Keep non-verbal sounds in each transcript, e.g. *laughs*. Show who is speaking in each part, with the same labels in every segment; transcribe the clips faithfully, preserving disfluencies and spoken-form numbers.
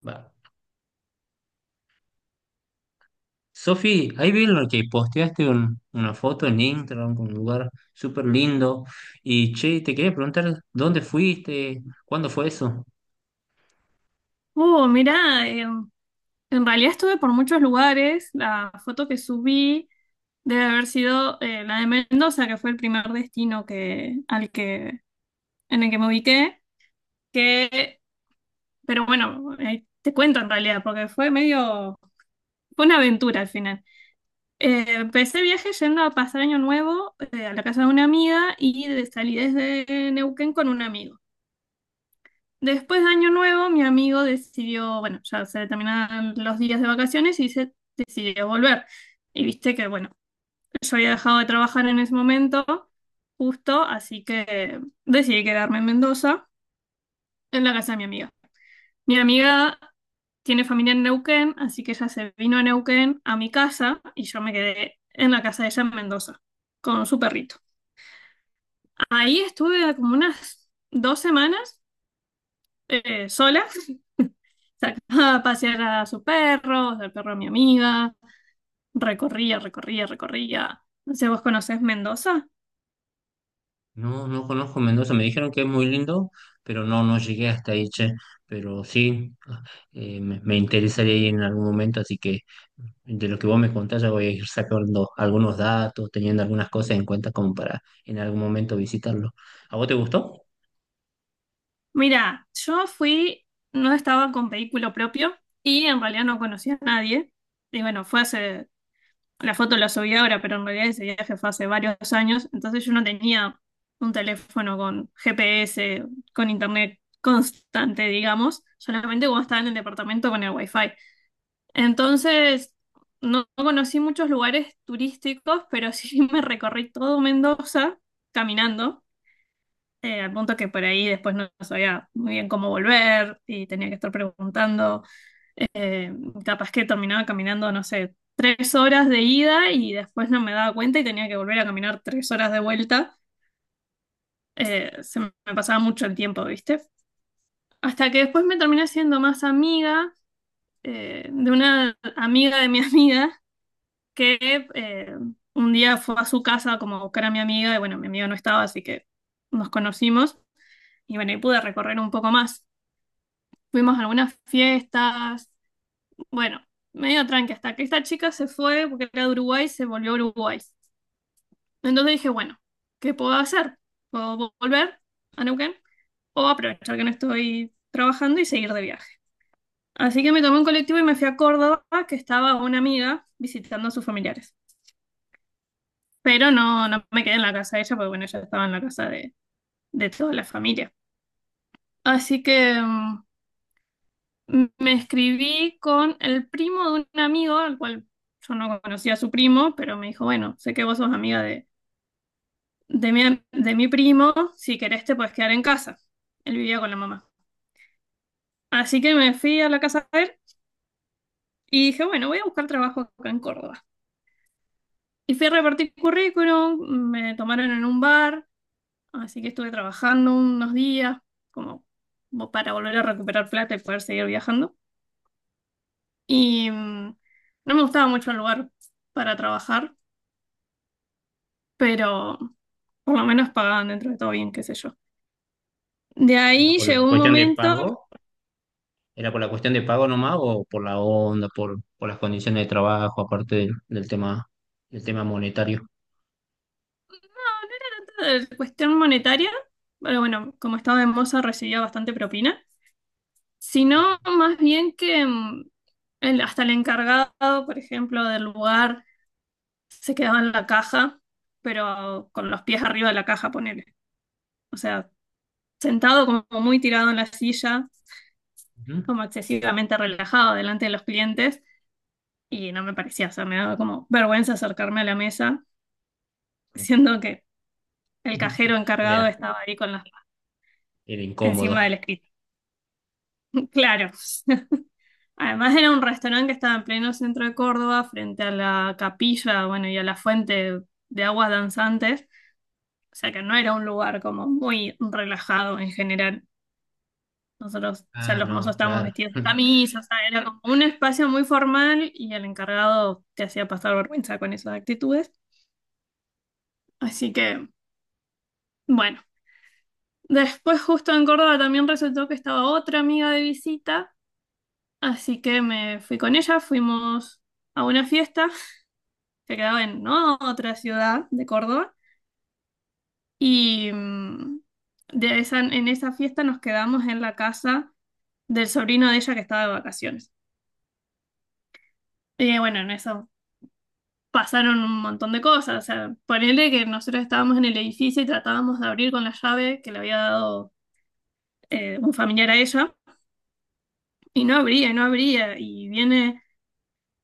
Speaker 1: Va. Sofi, ahí vi lo que posteaste un- una foto en Instagram con un lugar súper lindo. Y che, te quería preguntar dónde fuiste, cuándo fue eso.
Speaker 2: Oh mira, en realidad estuve por muchos lugares. La foto que subí debe haber sido eh, la de Mendoza, que fue el primer destino que, al que, en el que me ubiqué. Que, pero bueno, eh, te cuento en realidad, porque fue medio, fue una aventura al final. Eh, empecé el viaje yendo a pasar Año Nuevo, eh, a la casa de una amiga y de- salí desde Neuquén con un amigo. Después de Año Nuevo, mi amigo decidió, bueno, ya se terminaban los días de vacaciones y se decidió volver. Y viste que, bueno, yo había dejado de trabajar en ese momento, justo, así que decidí quedarme en Mendoza, en la casa de mi amiga. Mi amiga tiene familia en Neuquén, así que ella se vino a Neuquén a mi casa y yo me quedé en la casa de ella en Mendoza, con su perrito. Ahí estuve como unas dos semanas, eh, sola. *laughs* Sacaba a pasear a sus perros, al perro de mi amiga. Recorría, recorría, recorría. No sé, ¿vos conocés Mendoza?
Speaker 1: No, no conozco Mendoza, me dijeron que es muy lindo, pero no, no llegué hasta ahí, che. Pero sí, eh, me, me interesaría ir en algún momento, así que de lo que vos me contás ya voy a ir sacando algunos datos, teniendo algunas cosas en cuenta como para en algún momento visitarlo. ¿A vos te gustó?
Speaker 2: Mira, yo fui, no estaba con vehículo propio y en realidad no conocía a nadie. Y bueno, fue hace, la foto la subí ahora, pero en realidad ese viaje fue hace varios años. Entonces yo no tenía un teléfono con G P S, con internet constante, digamos. Solamente cuando estaba en el departamento con el wifi. Entonces, no, no conocí muchos lugares turísticos, pero *laughs* sí me recorrí todo Mendoza caminando, eh, al punto que por ahí después no sabía muy bien cómo volver y tenía que estar preguntando. Eh, Capaz que terminaba caminando, no sé, tres horas de ida y después no me daba cuenta y tenía que volver a caminar tres horas de vuelta. Eh, se me pasaba mucho el tiempo, ¿viste? Hasta que después me terminé siendo más amiga, eh, de una amiga de mi *laughs* amiga que, eh, un día fue a su casa como a buscar a mi amiga y bueno, mi amiga no estaba, así que nos conocimos y bueno, y pude recorrer un poco más. Fuimos a algunas fiestas, bueno, medio tranqui, hasta que esta chica se fue porque era de Uruguay, se volvió a Uruguay. Entonces dije, bueno, ¿qué puedo hacer? ¿Puedo volver a Neuquén o aprovechar que no estoy trabajando y seguir de viaje? Así que me tomé un colectivo y me fui a Córdoba, que estaba una amiga visitando a sus familiares. Pero no, no me quedé en la casa de ella, porque bueno, ella estaba en la casa de, de toda la familia. Así que, mm, me escribí con el primo de un amigo, al cual yo no conocía a su primo, pero me dijo, bueno, sé que vos sos amiga de, de mi, am- de mi primo, si querés te puedes quedar en casa. Él vivía con la mamá. Así que me fui a la casa de él y dije, bueno, voy a buscar trabajo acá en Córdoba. Y fui a repartir currículum, me tomaron en un bar. Así que estuve trabajando unos días como mo- para volver a recuperar plata y poder seguir viajando. Y, mm, no me gustaba mucho el lugar para trabajar, pero por lo menos pagaban dentro de todo bien, qué sé yo. De
Speaker 1: Eh,
Speaker 2: ahí
Speaker 1: Por
Speaker 2: llegó
Speaker 1: la
Speaker 2: un
Speaker 1: cuestión de
Speaker 2: momento, no, no
Speaker 1: pago. ¿Era por la cuestión de pago nomás o por la onda, por, por las condiciones de trabajo, aparte del, del tema, del tema monetario?
Speaker 2: era tanto de cuestión monetaria, pero bueno, como estaba en Moza recibía bastante propina, sino más bien que, mm, el- hasta el encargado, por ejemplo, del lugar se quedaba en la caja, pero con los pies arriba de la caja, ponele. O sea, sentado como muy tirado en la silla, como excesivamente relajado delante de los clientes, y no me parecía, o sea, me daba como vergüenza acercarme a la mesa,
Speaker 1: Ujú.
Speaker 2: siendo que el cajero
Speaker 1: *laughs*
Speaker 2: encargado
Speaker 1: Era,
Speaker 2: estaba ahí con las manos
Speaker 1: era incómodo.
Speaker 2: encima del escritorio. *laughs* Claro. Además era un restaurante que estaba en pleno centro de Córdoba, frente a la capilla, bueno, y a la fuente de aguas danzantes, o sea que no era un lugar como muy relajado en general. Nosotros, o sea,
Speaker 1: Ah,
Speaker 2: los mozos
Speaker 1: no,
Speaker 2: estábamos
Speaker 1: claro.
Speaker 2: vestidos de
Speaker 1: *laughs*
Speaker 2: camisa, o sea, era como un espacio muy formal y el encargado te hacía pasar vergüenza con esas actitudes. Así que, bueno, después justo en Córdoba también resultó que estaba otra amiga de visita, así que me fui con ella, fuimos a una fiesta que quedaba en, ¿no?, otra ciudad de Córdoba y, mm, de esa, en esa fiesta nos quedamos en la casa del sobrino de ella que estaba de vacaciones. Y bueno, en eso pasaron un montón de cosas. O sea, ponele que nosotros estábamos en el edificio y tratábamos de abrir con la llave que le había dado, eh, un familiar a ella, y no abría, y no abría. Y viene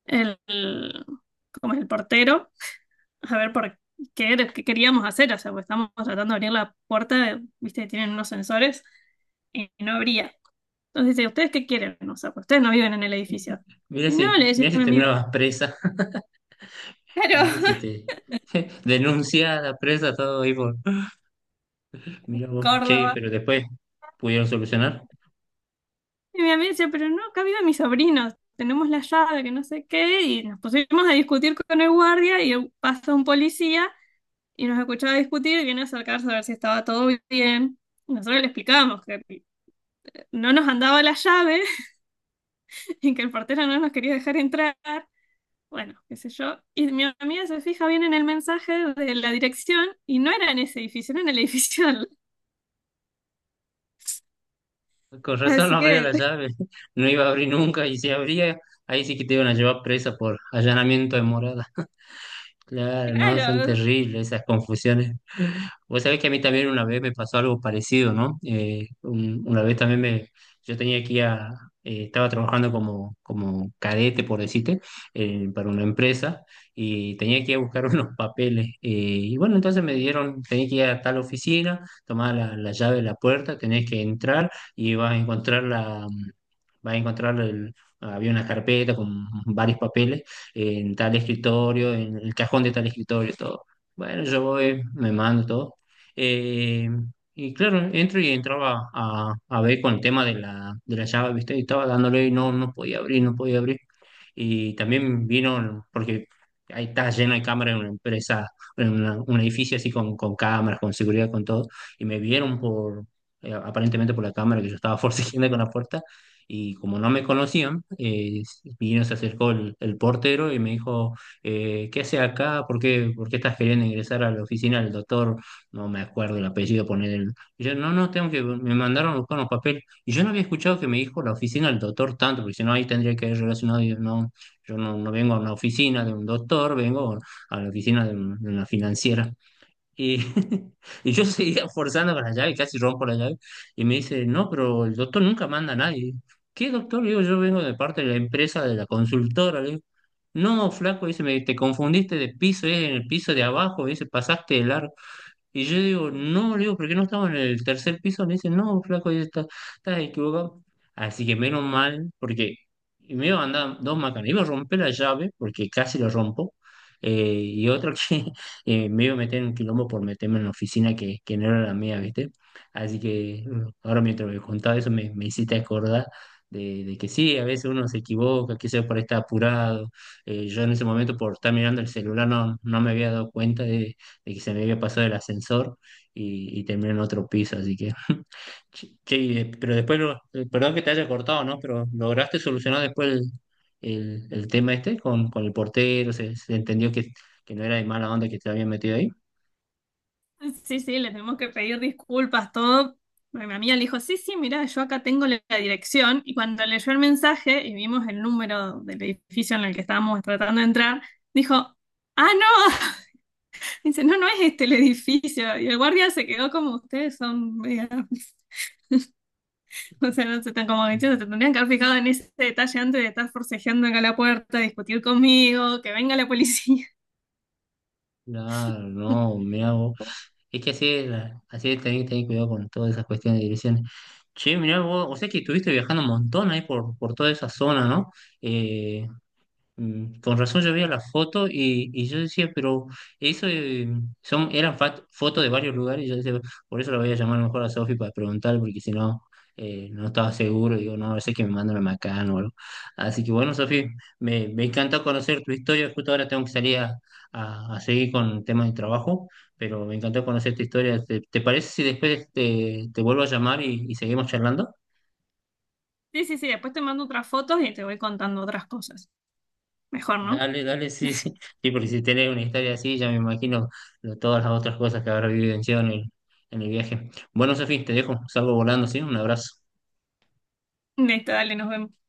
Speaker 2: el, el- como el portero a ver por qué, era- qué queríamos hacer. O sea, pues estamos tratando de abrir la puerta, viste, tienen unos sensores, y no abría. Entonces dice, ¿ustedes qué quieren? O sea, pues ustedes no viven en el edificio.
Speaker 1: Mira
Speaker 2: Y no, le
Speaker 1: si,
Speaker 2: dice
Speaker 1: mira si
Speaker 2: mi amigo,
Speaker 1: terminabas presa. *laughs*
Speaker 2: claro.
Speaker 1: Mira si te *laughs* denunciada, presa, todo ahí por.
Speaker 2: *laughs*
Speaker 1: Mira vos, che,
Speaker 2: Córdoba.
Speaker 1: pero después pudieron solucionar.
Speaker 2: Y mi amiga decía, pero no, acá viven mis sobrinos, tenemos la llave, que no sé qué, y nos pusimos a discutir con el guardia y pasa un policía y nos escuchaba discutir y viene a acercarse a ver si estaba todo bien. Y Nosotros le explicamos que no nos andaba la llave *laughs* y que el portero no nos quería dejar entrar. Bueno, qué sé yo. Y mi amiga se fija bien en el mensaje de la dirección y no era en ese edificio, no era en el edificio. al-
Speaker 1: Con razón no
Speaker 2: Así
Speaker 1: abría
Speaker 2: que,
Speaker 1: la llave, *laughs* no iba a abrir nunca, y si abría, ahí sí que te iban a llevar presa por allanamiento de morada. Claro,
Speaker 2: *laughs*
Speaker 1: no, son
Speaker 2: claro.
Speaker 1: terribles esas confusiones. Vos sabés que a mí también una vez me pasó algo parecido, ¿no? Eh, un- una vez también me, yo tenía que ir a, eh, estaba trabajando como, como cadete, por decirte, eh, para una empresa y tenía que ir a buscar *laughs* unos papeles. Eh, y bueno, entonces me dieron, tenía que ir a tal oficina, tomar la, la llave de la puerta, tenés que entrar y vas a encontrar la, vas a encontrar, el- había una carpeta con varios papeles en tal escritorio, en el cajón de tal escritorio, todo. Bueno, yo voy, me mando todo. Eh, y claro, entro y entraba a, a ver con el tema de la, de la llave, ¿viste? Y estaba dándole y no, no podía abrir, no podía abrir y también vino, porque ahí está lleno de cámaras en una empresa, en una- un edificio así con, con cámaras, con seguridad, con todo, y me vieron por, eh, aparentemente por la cámara que yo estaba *laughs* forcejeando con la puerta, y como no me conocían, eh, vino, se acercó el, el portero y me dijo, eh, ¿qué hace acá? ¿Por qué, por qué estás queriendo ingresar a la oficina del doctor? No me acuerdo el apellido, poner el... Y yo, no, no, tengo que, me mandaron a buscar unos papeles. Y yo no había escuchado que me dijo la oficina del doctor tanto, porque si no ahí tendría que haber relacionado, y yo no, yo no, no vengo a una oficina de un doctor, vengo a la oficina de, un- de una financiera. Y, *laughs* y yo seguía forzando con la llave, casi rompo la llave, y me dice, no, pero el doctor nunca manda a nadie. ¿Qué doctor? Le digo, yo vengo de parte de la empresa, de la consultora. Le digo, no, flaco, dice, me, te confundiste de piso, es en el piso de abajo, dice, pasaste el largo. Y yo digo, no, le digo, ¿por qué no estamos en el tercer piso? Me dice, no, flaco, ahí está, estás equivocado. Así que menos mal, porque y me iba a andar dos macanas. Iba a romper la llave, porque casi lo rompo. eh, y otra que *laughs* eh, me iba a meter en un quilombo por meterme en la oficina que, que no era la mía, ¿viste? Así que mm, ahora mientras me contaba eso me, me hiciste acordar de, de que sí, a veces uno se equivoca, quizás por estar apurado. Eh, yo en ese momento por estar mirando el celular no, no me había dado cuenta de y se me había pasado el ascensor y, y terminé en otro piso, así que, che, che, y de- pero después, lo- eh, perdón que te haya cortado, ¿no? Pero lograste solucionar después el, el- el tema este con, con el portero, se, se entendió que, que no era de mala onda que te habían metido ahí.
Speaker 2: Sí, sí, le tenemos que pedir disculpas, todo. Bueno, Mi amiga le dijo, sí, sí, mira, yo acá tengo la la dirección. Y cuando leyó el mensaje y vimos el número del edificio en el que estábamos tratando de entrar, dijo, ah, no, *laughs* dice, no, no es este el edificio. Y el guardia se quedó como, ustedes son, media- *laughs* o sea, no se tan como que, se tendrían que haber fijado en ese detalle antes de estar forcejeando acá a la puerta, discutir conmigo, que venga la policía.
Speaker 1: Claro, no,
Speaker 2: *laughs*
Speaker 1: me hago. Es que así es, la- así es, tenés que tener cuidado con todas esas cuestiones de direcciones. Che, mirá vos, o sea que estuviste viajando un montón ahí por, por toda esa zona, ¿no? Eh, Mm, Con razón yo veía la foto y, y yo decía, pero eso eh, son, eran fat- fotos de varios lugares y yo decía, por eso la voy a llamar mejor a Sofi para preguntar, porque si no, eh, no estaba seguro, digo, no, a ver si es que me mandan a Macán o algo. Así que bueno, Sofi, me, me encantó conocer tu historia, justo ahora tengo que salir a, a- a seguir con temas de trabajo, pero me encantó conocer tu historia. ¿Te, te parece si después te, te vuelvo a llamar y, y seguimos charlando?
Speaker 2: Sí, sí, sí, después te mando otras fotos y te voy contando otras cosas. Mejor, ¿no?
Speaker 1: Dale, dale, sí, sí. Sí, porque si tenés una historia así, ya me imagino lo- todas las otras cosas que habrá vivenciado en el, en el viaje. Bueno, Sofía, te dejo, salgo volando, ¿sí? Un abrazo.
Speaker 2: Listo, dale, nos vemos.